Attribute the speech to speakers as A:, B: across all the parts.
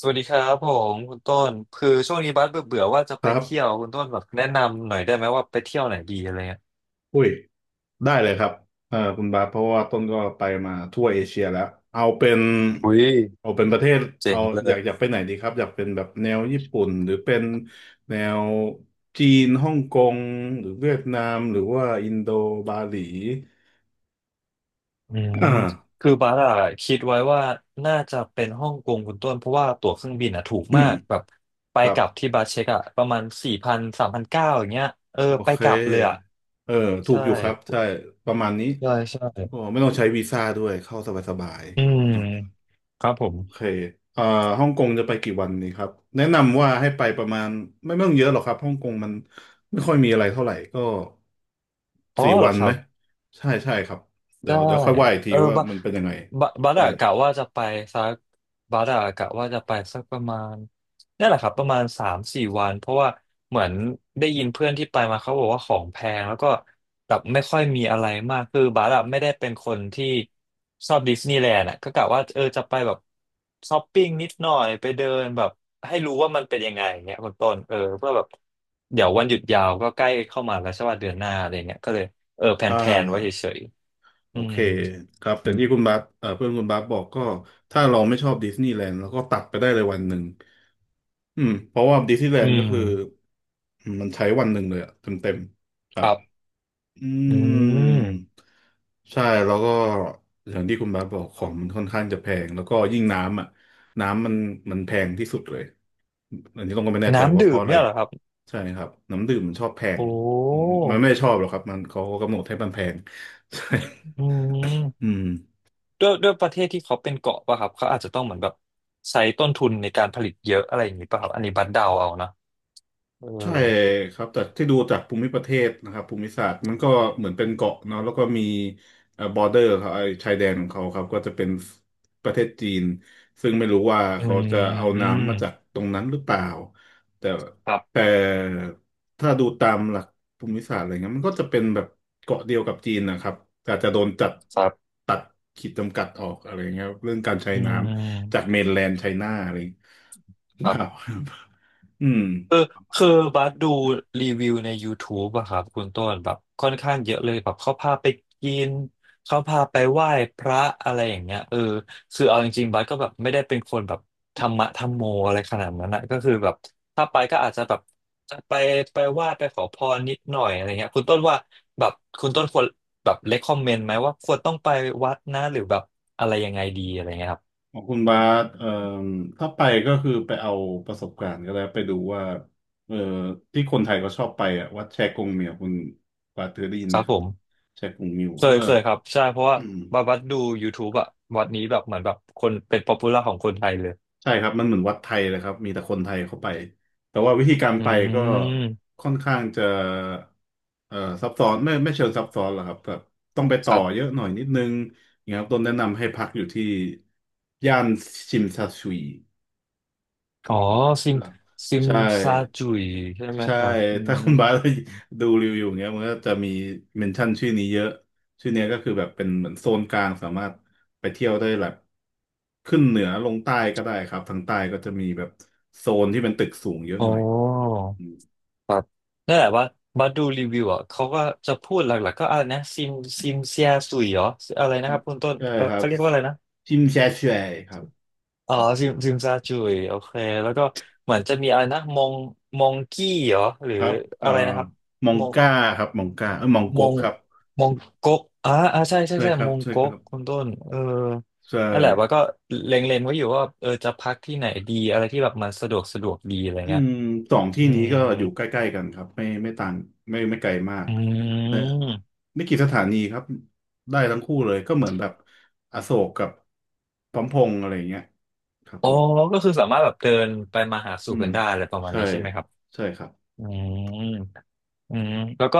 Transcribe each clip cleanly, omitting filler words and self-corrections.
A: สวัสดีครับผมคุณต้นคือช่วงนี้บัสเบื่อเบื่อว่าจะ
B: ค
A: ไป
B: รั
A: เที่ยว
B: บ
A: คุณต้นแบบแนะนำหน่อยได้ไหมว่าไปเที่ยวไหนดีอะไรเงี้ย
B: อุ้ยได้เลยครับเออคุณบาสเพราะว่าต้นก็ไปมาทั่วเอเชียแล้ว เอาเป็น
A: อุ้ย
B: เอาเป็นประเทศ
A: เจ๋
B: เอา
A: งเล
B: อยากอ
A: ย
B: ยากไปไหนดีครับ อยากเป็นแบบแนวญี่ปุ่น หรือเป็นแนวจีนฮ่องกงหรือเวียดนาม หรือว่าอินโดบาหลี
A: อืม
B: อ่า
A: คือบัสอะคิดไว้ว่าน่าจะเป็นฮ่องกงคุณต้นเพราะว่าตั๋วเครื่องบินอะถูกมากแบบไป
B: ครั
A: ก
B: บ
A: ลับที่บัสเช็คอะประมาณ4,0003,900อย่างเงี้ยเออ
B: โอ
A: ไป
B: เค
A: กลับเลยอะ
B: เออ ถู
A: ใช่
B: กอยู่ครับ ใช่ ประมาณนี้
A: ใช่ใช่
B: โอ้ไม่ต้องใช้วีซ่าด้วย เข้าสบาย
A: อืม
B: ๆเนอะ
A: ครับผม
B: โอเคเอ่อฮ่องกงจะไปกี่วันนี้ครับ แนะนำว่าให้ไปประมาณไม่ต้องเยอะหรอกครับฮ่องกงมันไม่ค่อยมีอะไรเท่าไหร่ก็
A: อ๋อ
B: สี่
A: เหร
B: วั
A: อ
B: น
A: ค
B: ไห
A: รั
B: ม
A: บ
B: ใช่ใช่ครับเดี๋
A: ได้
B: ยวเดี๋ยวค่อยว่าอีกที
A: เออ
B: ว่า
A: บา
B: มันเป็นยังไง
A: บาบัส
B: ได้
A: อะกะว่าจะไปสักบัสอะกะว่าจะไปสักประมาณนี่แหละครับประมาณสามสี่วันเพราะว่าเหมือนได้ยินเพื่อนที่ไปมาเขาบอกว่าของแพงแล้วก็แบบไม่ค่อยมีอะไรมากคือบัสอะไม่ได้เป็นคนที่ชอบดิสนีย์แลนด์อะก็กะว่าเออจะไปแบบช้อปปิ้งนิดหน่อยไปเดินแบบให้รู้ว่ามันเป็นยังไงอย่างเงี้ยคุณต้นเออเพื่อแบบเดี๋ยววันหยุดยาวก็ใกล้เข้ามาแล้วใช่ว่าเดือนหน้าอะไรเงี้ยก็เลยเออแ
B: อ่
A: ผนๆไว้
B: า
A: เฉย
B: โอ
A: อื
B: เค
A: ม
B: ครับแต่ที่คุณบาสเพื่อนคุณบาสบอกก็ถ้าเราไม่ชอบดิสนีย์แลนด์เราก็ตัดไปได้เลยวันหนึ่งอืมเพราะว่าดิสนีย์แล
A: อื
B: นด์ก็
A: ม
B: คือมันใช้วันหนึ่งเลยอะเต็มค
A: ค
B: รับ
A: รับ
B: อื
A: อื
B: ม
A: ม
B: ใช่แล้วก็อย่างที่คุณบาสบอกของมันค่อนข้างจะแพงแล้วก็ยิ่งน้ำอ่ะน้ำมันมันแพงที่สุดเลยอันนี้ต้องก็ไม่แน่ใจ
A: น้ำ
B: ว่าเพ
A: ดื่
B: ราะ
A: ม
B: อะไร
A: เนี่ยเหรอครับ
B: ใช่ครับน้ำดื่มมันชอบแพ
A: โอ
B: งอืม
A: ้
B: มันไม่ได้ชอบหรอกครับมันเขาก็กำหนดให้มันแพง ใช่
A: อื
B: อื
A: ม
B: ม
A: ด้วยด้วยประเทศที่เขาเป็นเกาะป่ะครับ เขาอาจจะต้องเหมือนแบบใช้ต้นทุนในการผลิตเยอะอะไรอย่างนี้ป่ะครับ อันนี้บัดเดาเอานะเออ
B: ใช่ครับแต่ที่ดูจากภูมิประเทศนะครับภูมิศาสตร์มันก็เหมือนเป็นเกาะเนาะแล้วก็มีบอร์เดอร์ครับไอ้ชายแดนของเขาครับก็จะเป็นประเทศจีนซึ่งไม่รู้ว่า
A: อื
B: เขาจะเอาน้ำมาจาก
A: ม
B: ตรงนั้นหรือเปล่าแต่
A: ครั
B: แต่
A: บ
B: ถ้าดูตามหลักภูมิศาสตร์อะไรเงี้ยมันก็จะเป็นแบบเกาะเดียวกับจีนนะครับแต่อาจจะโดนจัด
A: ครับ
B: ตัดขีดจำกัดออกอะไรเงี้ยครับเรื่องการใช้
A: อื
B: น้ำจาก
A: ม
B: เมนแลนด์ไชน่าอะไรอย่างเงี้ย หรือ
A: ค
B: เป
A: รั
B: ล่า
A: บ
B: ครับอืม
A: คือคือบัสดูรีวิวใน YouTube อะครับคุณต้นแบบค่อนข้างเยอะเลยแบบเขาพาไปกินเขาพาไปไหว้พระอะไรอย่างเงี้ยเออคือเอาจริงๆบัสก็แบบไม่ได้เป็นคนแบบธรรมะธรรมโมอะไรขนาดนั้นนะก็คือแบบถ้าไปก็อาจจะแบบไปไปไหว้ไปขอพรนิดหน่อยอะไรเงี้ยคุณต้นว่าแบบคุณต้นควรแบบเลคคอมเมนต์ไหมว่าควรต้องไปวัดนะหรือแบบอะไรยังไงดีอะไรเงี้ยครับ
B: ของคุณบาสถ้าไปก็คือไปเอาประสบการณ์ก็แล้วไปดูว่าเอ่อที่คนไทยก็ชอบไปอ่ะวัดแชกงเมียวคุณบาสเคยได้ยิน
A: ค
B: ไหม
A: รับ
B: ค
A: ผ
B: รับ
A: ม
B: แชกงมิว
A: เค
B: เออ
A: ยเคยครับใช่เพราะว่า
B: อืม
A: บาบัดดู YouTube อะวัดนี้แบบเหมือนแบบคนเป็นป๊อปปูล่าของคนไทยเลย
B: ใช่ครับมันเหมือนวัดไทยเลยครับมีแต่คนไทยเข้าไปแต่ว่าวิธีการ
A: อื
B: ไปก็
A: ม
B: ค่อนข้างจะเอ่อซับซ้อนไม่เชิงซับซ้อนหรอกครับแบบต้องไปต่
A: ค
B: อ
A: รั
B: เย
A: บ
B: อะหน่อยนิดนึงอย่างเงี้ยครับต้นแนะนำให้พักอยู่ที่ย่านชิมซาซุย
A: อ๋อซิม
B: หลัก
A: ซิม
B: ใช่
A: ซาจุยใช่ไหม
B: ใช่
A: ครับอื
B: ถ้า
A: ม
B: คุณบาสดูรีวิวอย่างเงี้ยมันก็จะมีเมนชั่นชื่อนี้เยอะชื่อเนี้ยก็คือแบบเป็นเหมือนโซนกลางสามารถไปเที่ยวได้แบบขึ้นเหนือลงใต้ก็ได้ครับทางใต้ก็จะมีแบบโซนที่เป็นตึกสูงเยอะ
A: อ๋
B: ห
A: อ
B: น่อยอืม
A: ครับนั่นแหละว่าบัดดูรีวิวอ่ะเขาก็จะพูดหลักๆก็อะไรนะซิมเซียสุยเหรออะไรนะครับคุณต้น
B: ใช่
A: เขา
B: ครับ
A: เขาเรียกว่าอะไรนะ
B: ชิมแชช่วยครับ
A: อ๋อซิมซาจุยโอเคแล้วก็เหมือนจะมีอะไรนะมองกี้เหรอหรือ
B: ครับ
A: อะไรนะครับ
B: มอง
A: มอง
B: ก้าครับมองก้าเออมอง
A: ม
B: ก๊ก
A: ง
B: ครับ
A: มงก๊กอ่าอ่าใช่ใช่
B: ใช่
A: ใช่
B: ครั
A: ม
B: บ
A: ง
B: ใช่ค
A: ก๊ก
B: รับ
A: คุณต้นเออ
B: ใช่
A: นั่นแหละว่าก็เล็งๆไว้อยู่ว่าเออจะพักที่ไหนดีอะไรที่แบบมันสะดวกสะดวกดีอะไร
B: อื
A: เงี้ย
B: มสองที่
A: อื
B: นี้
A: ม
B: ก็อยู่ใกล้ๆกันครับไม่ต่างไม่ไกลมาก
A: อื
B: เนอะ
A: ม
B: ไม่กี่สถานีครับได้ทั้งคู่เลยก็เหมือนแบบอโศกกับพร้อมพงษ์อะไรอย่างเงี้ยครับ
A: อ๋อ
B: ผม
A: ก็คือสามารถแบบเดินไปมาหา
B: อื
A: สู่
B: ม
A: กันได้อะไรประมาณ
B: ใช่
A: นี้ใช่ไหมครับ
B: ใช่ครับ
A: อืม อืมแล้วก็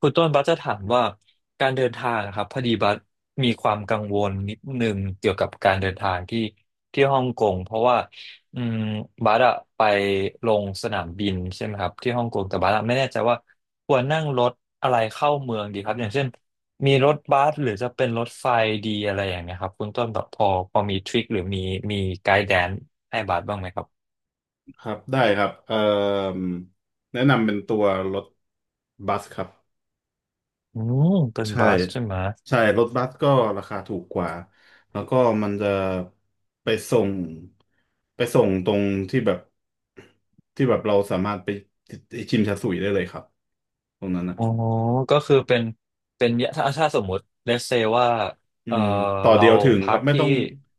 A: คุณต้นบัสจะถามว่าการเดินทางนะครับพอดีบัสมีความกังวลนิดนึงเกี่ยวกับการเดินทางที่ฮ่องกงเพราะว่าอืมบัสอะไปลงสนามบินใช่ไหมครับที่ฮ่องกงแต่บัสอะไม่แน่ใจว่าควรนั่งรถอะไรเข้าเมืองดีครับอย่างเช่นมีรถบัสหรือจะเป็นรถไฟดีอะไรอย่างเงี้ยครับคุณต้นแบบพอมีทริคหรือมีไกด์แดนให้บัสบ้างไหมครับ
B: ครับได้ครับแนะนำเป็นตัวรถบัสครับ
A: อืมเป็น
B: ใช่
A: บัสใช่ไหม
B: ใช่รถบัสก็ราคาถูกกว่าแล้วก็มันจะไปส่งไปส่งตรงที่แบบที่แบบเราสามารถไปชิมชาสุยได้เลยครับตรงนั้นอ่ะ
A: อ๋อก็คือเป็นเป็นถ้าสมมุติ let's say ว่า
B: อื
A: เออ
B: มต่อ
A: เรา
B: เดียวถึงค
A: พั
B: รับ
A: ก
B: ไม่
A: ที่
B: ต้อง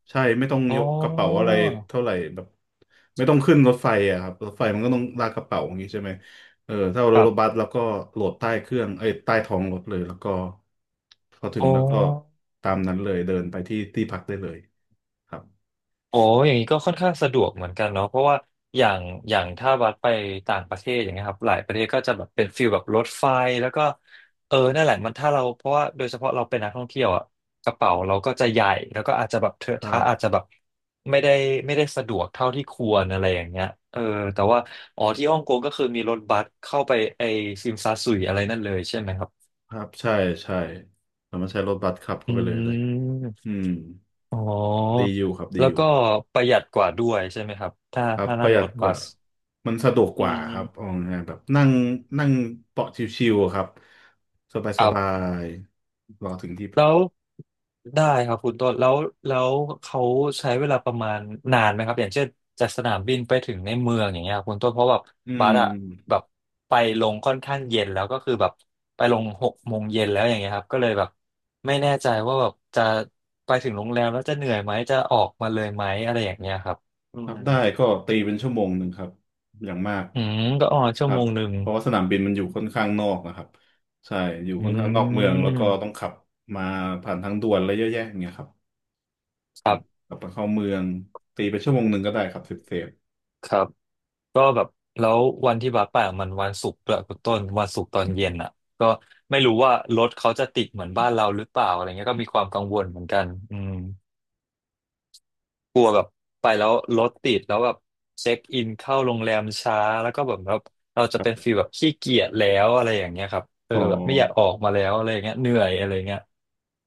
B: ใช่ไม่ต้อง
A: อ๋
B: ยกกระเป๋าอะ
A: อ
B: ไรเท่าไหร่แบบไม่ต้องขึ้นรถไฟอ่ะครับรถไฟมันก็ต้องลากกระเป๋าอย่างนี้ใช่ไหมเออถ้าเรา
A: ครั
B: รถบั
A: บ
B: สแล้วก็โหลดใต้เครื่องเอ้ยใต้ท้องรถเลยแล้วก็พอถึง
A: อ๋อ
B: แล้วก็ตามนั้นเลยเดินไปที่ที่พักได้เลยครับ
A: โอ้อย่างนี้ก็ค่อนข้างสะดวกเหมือนกันเนาะเพราะว่าอย่างอย่างถ้าบัสไปต่างประเทศอย่างเงี้ยครับหลายประเทศก็จะแบบเป็นฟิลแบบรถไฟแล้วก็เออนั่นแหละมันถ้าเราเพราะว่าโดยเฉพาะเราเป็นนักท่องเที่ยวอ่ะกระเป๋าเราก็จะใหญ่แล้วก็อาจจะแบบเทอะ
B: ครั
A: ทะ
B: บ
A: อาจจะแบบไม่ได้ไม่ได้สะดวกเท่าที่ควรอะไรอย่างเงี้ยเออแต่ว่าอ๋อที่ฮ่องกงก็คือมีรถบัสเข้าไปไอซิมซาสุยอะไรนั่นเลยใช่ไหมครับ
B: ครับใช่ใช่เรามารถใช้รถบัสขับ
A: อื
B: เข้าไปเลยอื
A: ม
B: ม
A: อ๋อ
B: ดีอยู่ครับดี
A: แล้ว
B: อยู่
A: ก็ประหยัดกว่าด้วยใช่ไหมครับถ้า
B: ครับ
A: ถ้า
B: ป
A: นั่
B: ระ
A: ง
B: หยั
A: ร
B: ด
A: ถ
B: ก
A: บั
B: ว่า
A: ส
B: มันสะดวก
A: อื
B: กว่าครับ
A: ม
B: เอาง่ายๆแบบนั่งนั่งเบาะชิวๆอะครับสบาย
A: ค
B: ส
A: รั
B: บา
A: บ
B: ยรอถึงที่
A: แล้วได้ครับคุณต้นแล้วเขาใช้เวลาประมาณนานไหมครับอย่างเช่นจากสนามบินไปถึงในเมืองอย่างเงี้ยคุณต้นเพราะแบบ
B: อื
A: บัส
B: ม
A: อะแบบไปลงค่อนข้างเย็นแล้วก็คือแบบไปลง6 โมงเย็นแล้วอย่างเงี้ยครับก็เลยแบบไม่แน่ใจว่าแบบจะไปถึงโรงแรมแล้วจะเหนื่อยไหมจะออกมาเลยไหมอะไรอย่างเงี้ยครับอื
B: ครั
A: ม
B: บได้ก็ตีเป็นชั่วโมงหนึ่งครับอย่างมาก
A: อืมก็อ๋อ
B: ค
A: ชั่ว
B: รั
A: โม
B: บ
A: งหนึ่ง
B: เพราะว่าสนามบินมันอยู่ค่อนข้างนอกนะครับใช่อยู่
A: อื
B: ค่อนข้างนอกเมืองแล้วก็
A: ม
B: ต้องขับมาผ่านทางด่วนอะไรเยอะแยะอย่างเงี้ยครับ
A: ค
B: อื
A: รั
B: ม
A: บ
B: กลับมาเข้าเมืองตีไปชั่วโมงหนึ่งก็ได้ครับเซฟเซฟ
A: ครับ ก็แบบแล้ววันที่บัสไปอะมันวันศุกร์ด้วยคุณต้นวันศุกร์ตอนเย็นอ่ะก็ไม่รู้ว่ารถเขาจะติดเหมือนบ้านเราหรือเปล่าอะไรเงี้ยก็มีความกังวลเหมือนกันอืมกลัวแบบไปแล้วรถติดแล้วแบบเช็คอินเข้าโรงแรมช้าแล้วก็แบบเราจะเป็นฟีลแบบขี้เกียจแล้วอะไรอย่างเงี้ยครับเออ
B: อ๋อ
A: แบบไม่อยากออกมาแล้วอะไรอย่างเงี้ยเหนื่อยอะไรเงี้ย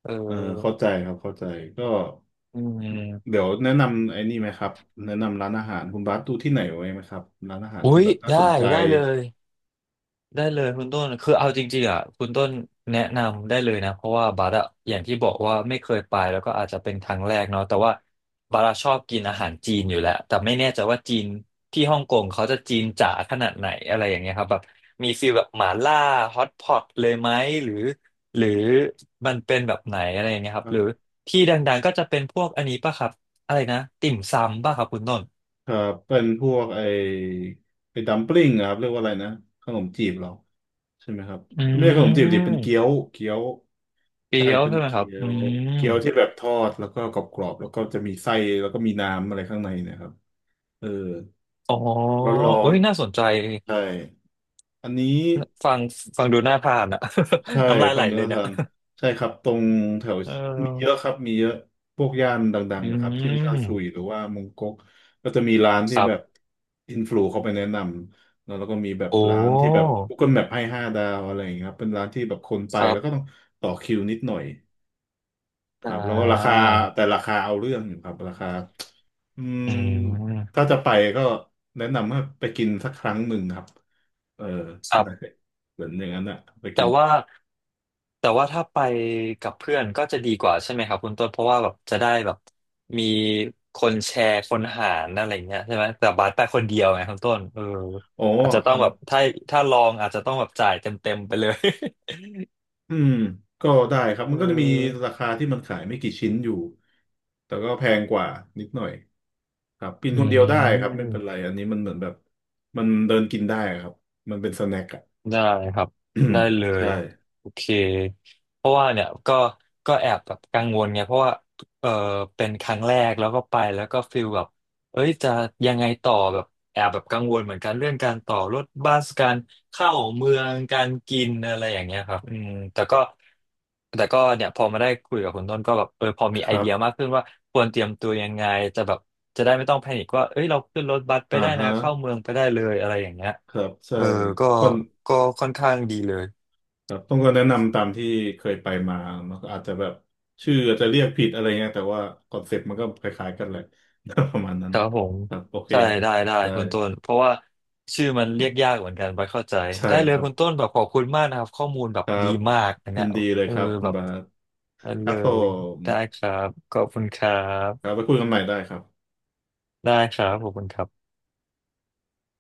A: เออ
B: เออเข้าใจครับเข้าใจก็
A: อืม
B: เดี๋ยวแนะนำไอ้นี่ไหมครับแนะนำร้านอาหารคุณบาสดูที่ไหนไว้ไหมครับร้านอาหาร
A: อุ้
B: ที่
A: ย
B: แบบน่า
A: ได้
B: สนใจ
A: ได้เลย ได้เลยคุณต้นคือเอาจริงๆอ่ะคุณต้นแนะนำได้เลยนะเพราะว่าบัสอะอย่างที่บอกว่าไม่เคยไปแล้วก็อาจจะเป็นครั้งแรกเนาะแต่ว่าบัสอะชอบกินอาหารจีนอยู่แล้วแต่ไม่แน่ใจว่าจีนที่ฮ่องกงเขาจะจีนจ๋าขนาดไหนอะไรอย่างเงี้ยครับแบบมีฟีลแบบหม่าล่าฮอตพอตเลยไหมหรือหรือมันเป็นแบบไหนอะไรอย่างเงี้ยค
B: ค
A: รับ
B: รั
A: หรือที่ดังๆก็จะเป็นพวกอันนี้ป่ะครับอะไรนะติ่มซำป่ะครับคุณต้น
B: บเป็นพวกไอ้ดัมปลิ้งอะครับเรียกว่าอะไรนะขนมจีบเหรอใช่ไหมครับ
A: อื
B: ไม่ใช่ขนมจีบดิเป็นเกี๊ย
A: ม
B: วเกี๊ยว
A: เกี๊
B: ใช่
A: ยว
B: เป็น
A: ใช่ไหมครั
B: เกี๊
A: บ
B: ย
A: อื
B: ว
A: ม
B: เกี๊ยวที่แบบทอดแล้วก็กรอบๆแล้วก็จะมีไส้แล้วก็มีน้ำอะไรข้างในเนะครับเออ
A: อ๋อ
B: ร้อ
A: เอ้
B: น
A: ยน่าสนใจ
B: ๆใช่ อันนี้
A: ฟังฟังดูน่าทานอ่ะ
B: ใช่
A: น้ำลายไห
B: ฝั่
A: ล
B: งธ
A: เลย
B: นา
A: เนี่ย
B: คารใช่ครับตรงแถว
A: เอ
B: มีเยอะ
A: อ
B: ครับมีเยอะพวกย่านดัง
A: อื
B: ๆนะครับที่มันชาซุย
A: ม
B: หรือว่ามงก๊กก็จะมีร้าน
A: ค
B: ที่
A: รั
B: แบบ
A: บ
B: อินฟลูเขาไปแนะนำแล้วแล้วก็มีแบบ
A: โอ้
B: ร้านที่แบบ Google Map ให้5 ดาวอะไรอย่างเงี้ยครับเป็นร้านที่แบบคนไป
A: ครั
B: แล้วก็ต้อง
A: บ
B: ต่อคิวนิดหน่อย ค
A: อ่
B: รับแล้วก็ราคา
A: า
B: แต่ราคาเอาเรื่องอยู่ครับราคาอืม
A: อื
B: ถ้า
A: ม
B: จะไปก็แนะนำว่าไปกินสักครั้งหนึ่งครับเออ
A: ค รั
B: ได้
A: บ
B: เหมือนอย่างนั้นอะไป
A: แต่
B: กิน
A: ว่าแต่ว่าถ้าไปกับเพื่อนก็จะดีกว่าใช่ไหมครับคุณต้นเพราะว่าแบบจะได้แบบมีคนแชร์คนหารอะไรเงี้ยใช่ไหมแต่บาสไปคนเดียวไงคุณต้นเออ
B: อ๋อ
A: อาจจะ
B: เอ
A: ต้
B: อ
A: องแบบถ้าถ้าลองอาจจะต้องแบบจ่ายเต็มเต็มไปเลย
B: อืมก็ได้ครั บ
A: เออ
B: มันก็จะมีราคาที่มันขายไม่กี่ชิ้นอยู่แต่ก็แพงกว่านิดหน่อยครับกิน
A: อื
B: คนเดียวได้ครับไม่เป็นไร
A: ม
B: อันนี้มันเหมือนแบบมันเดินกินได้ครับมันเป็นสแน็คอะ
A: ได้ครับ ได้เล ย
B: ใช่
A: โอเคเพราะว่าเนี่ยก็ก็แอบแบบกังวลไงเพราะว่าเออเป็นครั้งแรกแล้วก็ไปแล้วก็ฟิลแบบเอ้ยจะยังไงต่อแบบแอบแบบกังวลเหมือนกันเรื่องการต่อรถบัสการเข้าเมืองการกินอะไรอย่างเงี้ยครับอืมแต่ก็เนี่ยพอมาได้คุยกับคุณต้นก็แบบเออพอมี
B: ค
A: ไอ
B: รั
A: เดียมา
B: บ
A: กขึ้นว่าควรเตรียมตัวยังไงจะแบบจะได้ไม่ต้องแพนิคว่าเอ้ยเราขึ้นรถบัสไป
B: อ่า
A: ได้นะ
B: ฮะ
A: เข้าเมืองไปได้เลยอะไรอย่างเงี้ย
B: ครับใช่
A: เออก็
B: ก่อน
A: ก็ค่อนข้างดีเลย
B: ครับต้องก็แนะนำตามที่เคยไปมามันก็อาจจะแบบชื่ออาจจะเรียกผิดอะไรเงี้ยแต่ว่าคอนเซ็ปต์มันก็คล้ายๆกันแหละ ประมาณนั้
A: ค
B: น
A: รับผม
B: ครับโอเค
A: ใช่ได้ได้
B: ได้
A: คุณต้นเพราะว่าชื่อมันเรียกยากเหมือนกันไปเข้าใจ
B: ใช่
A: ได้เล
B: ค
A: ย
B: รับ
A: คุณต้นแบบขอบคุณมากนะครับข้อมูลแบ
B: ค
A: บ
B: รั
A: ดี
B: บ
A: มากอัน
B: ยิ
A: เนี้ย
B: นดีเลย
A: เออ
B: ครับคุณ
A: แบบ
B: บาส
A: อัน
B: ค
A: เล
B: รับผ
A: ย
B: ม
A: ได้ครับขอบคุณครั
B: ครับ
A: บ
B: ไปคุยกันใหม่ได้ครับ
A: ได้ครับขอบคุณครับ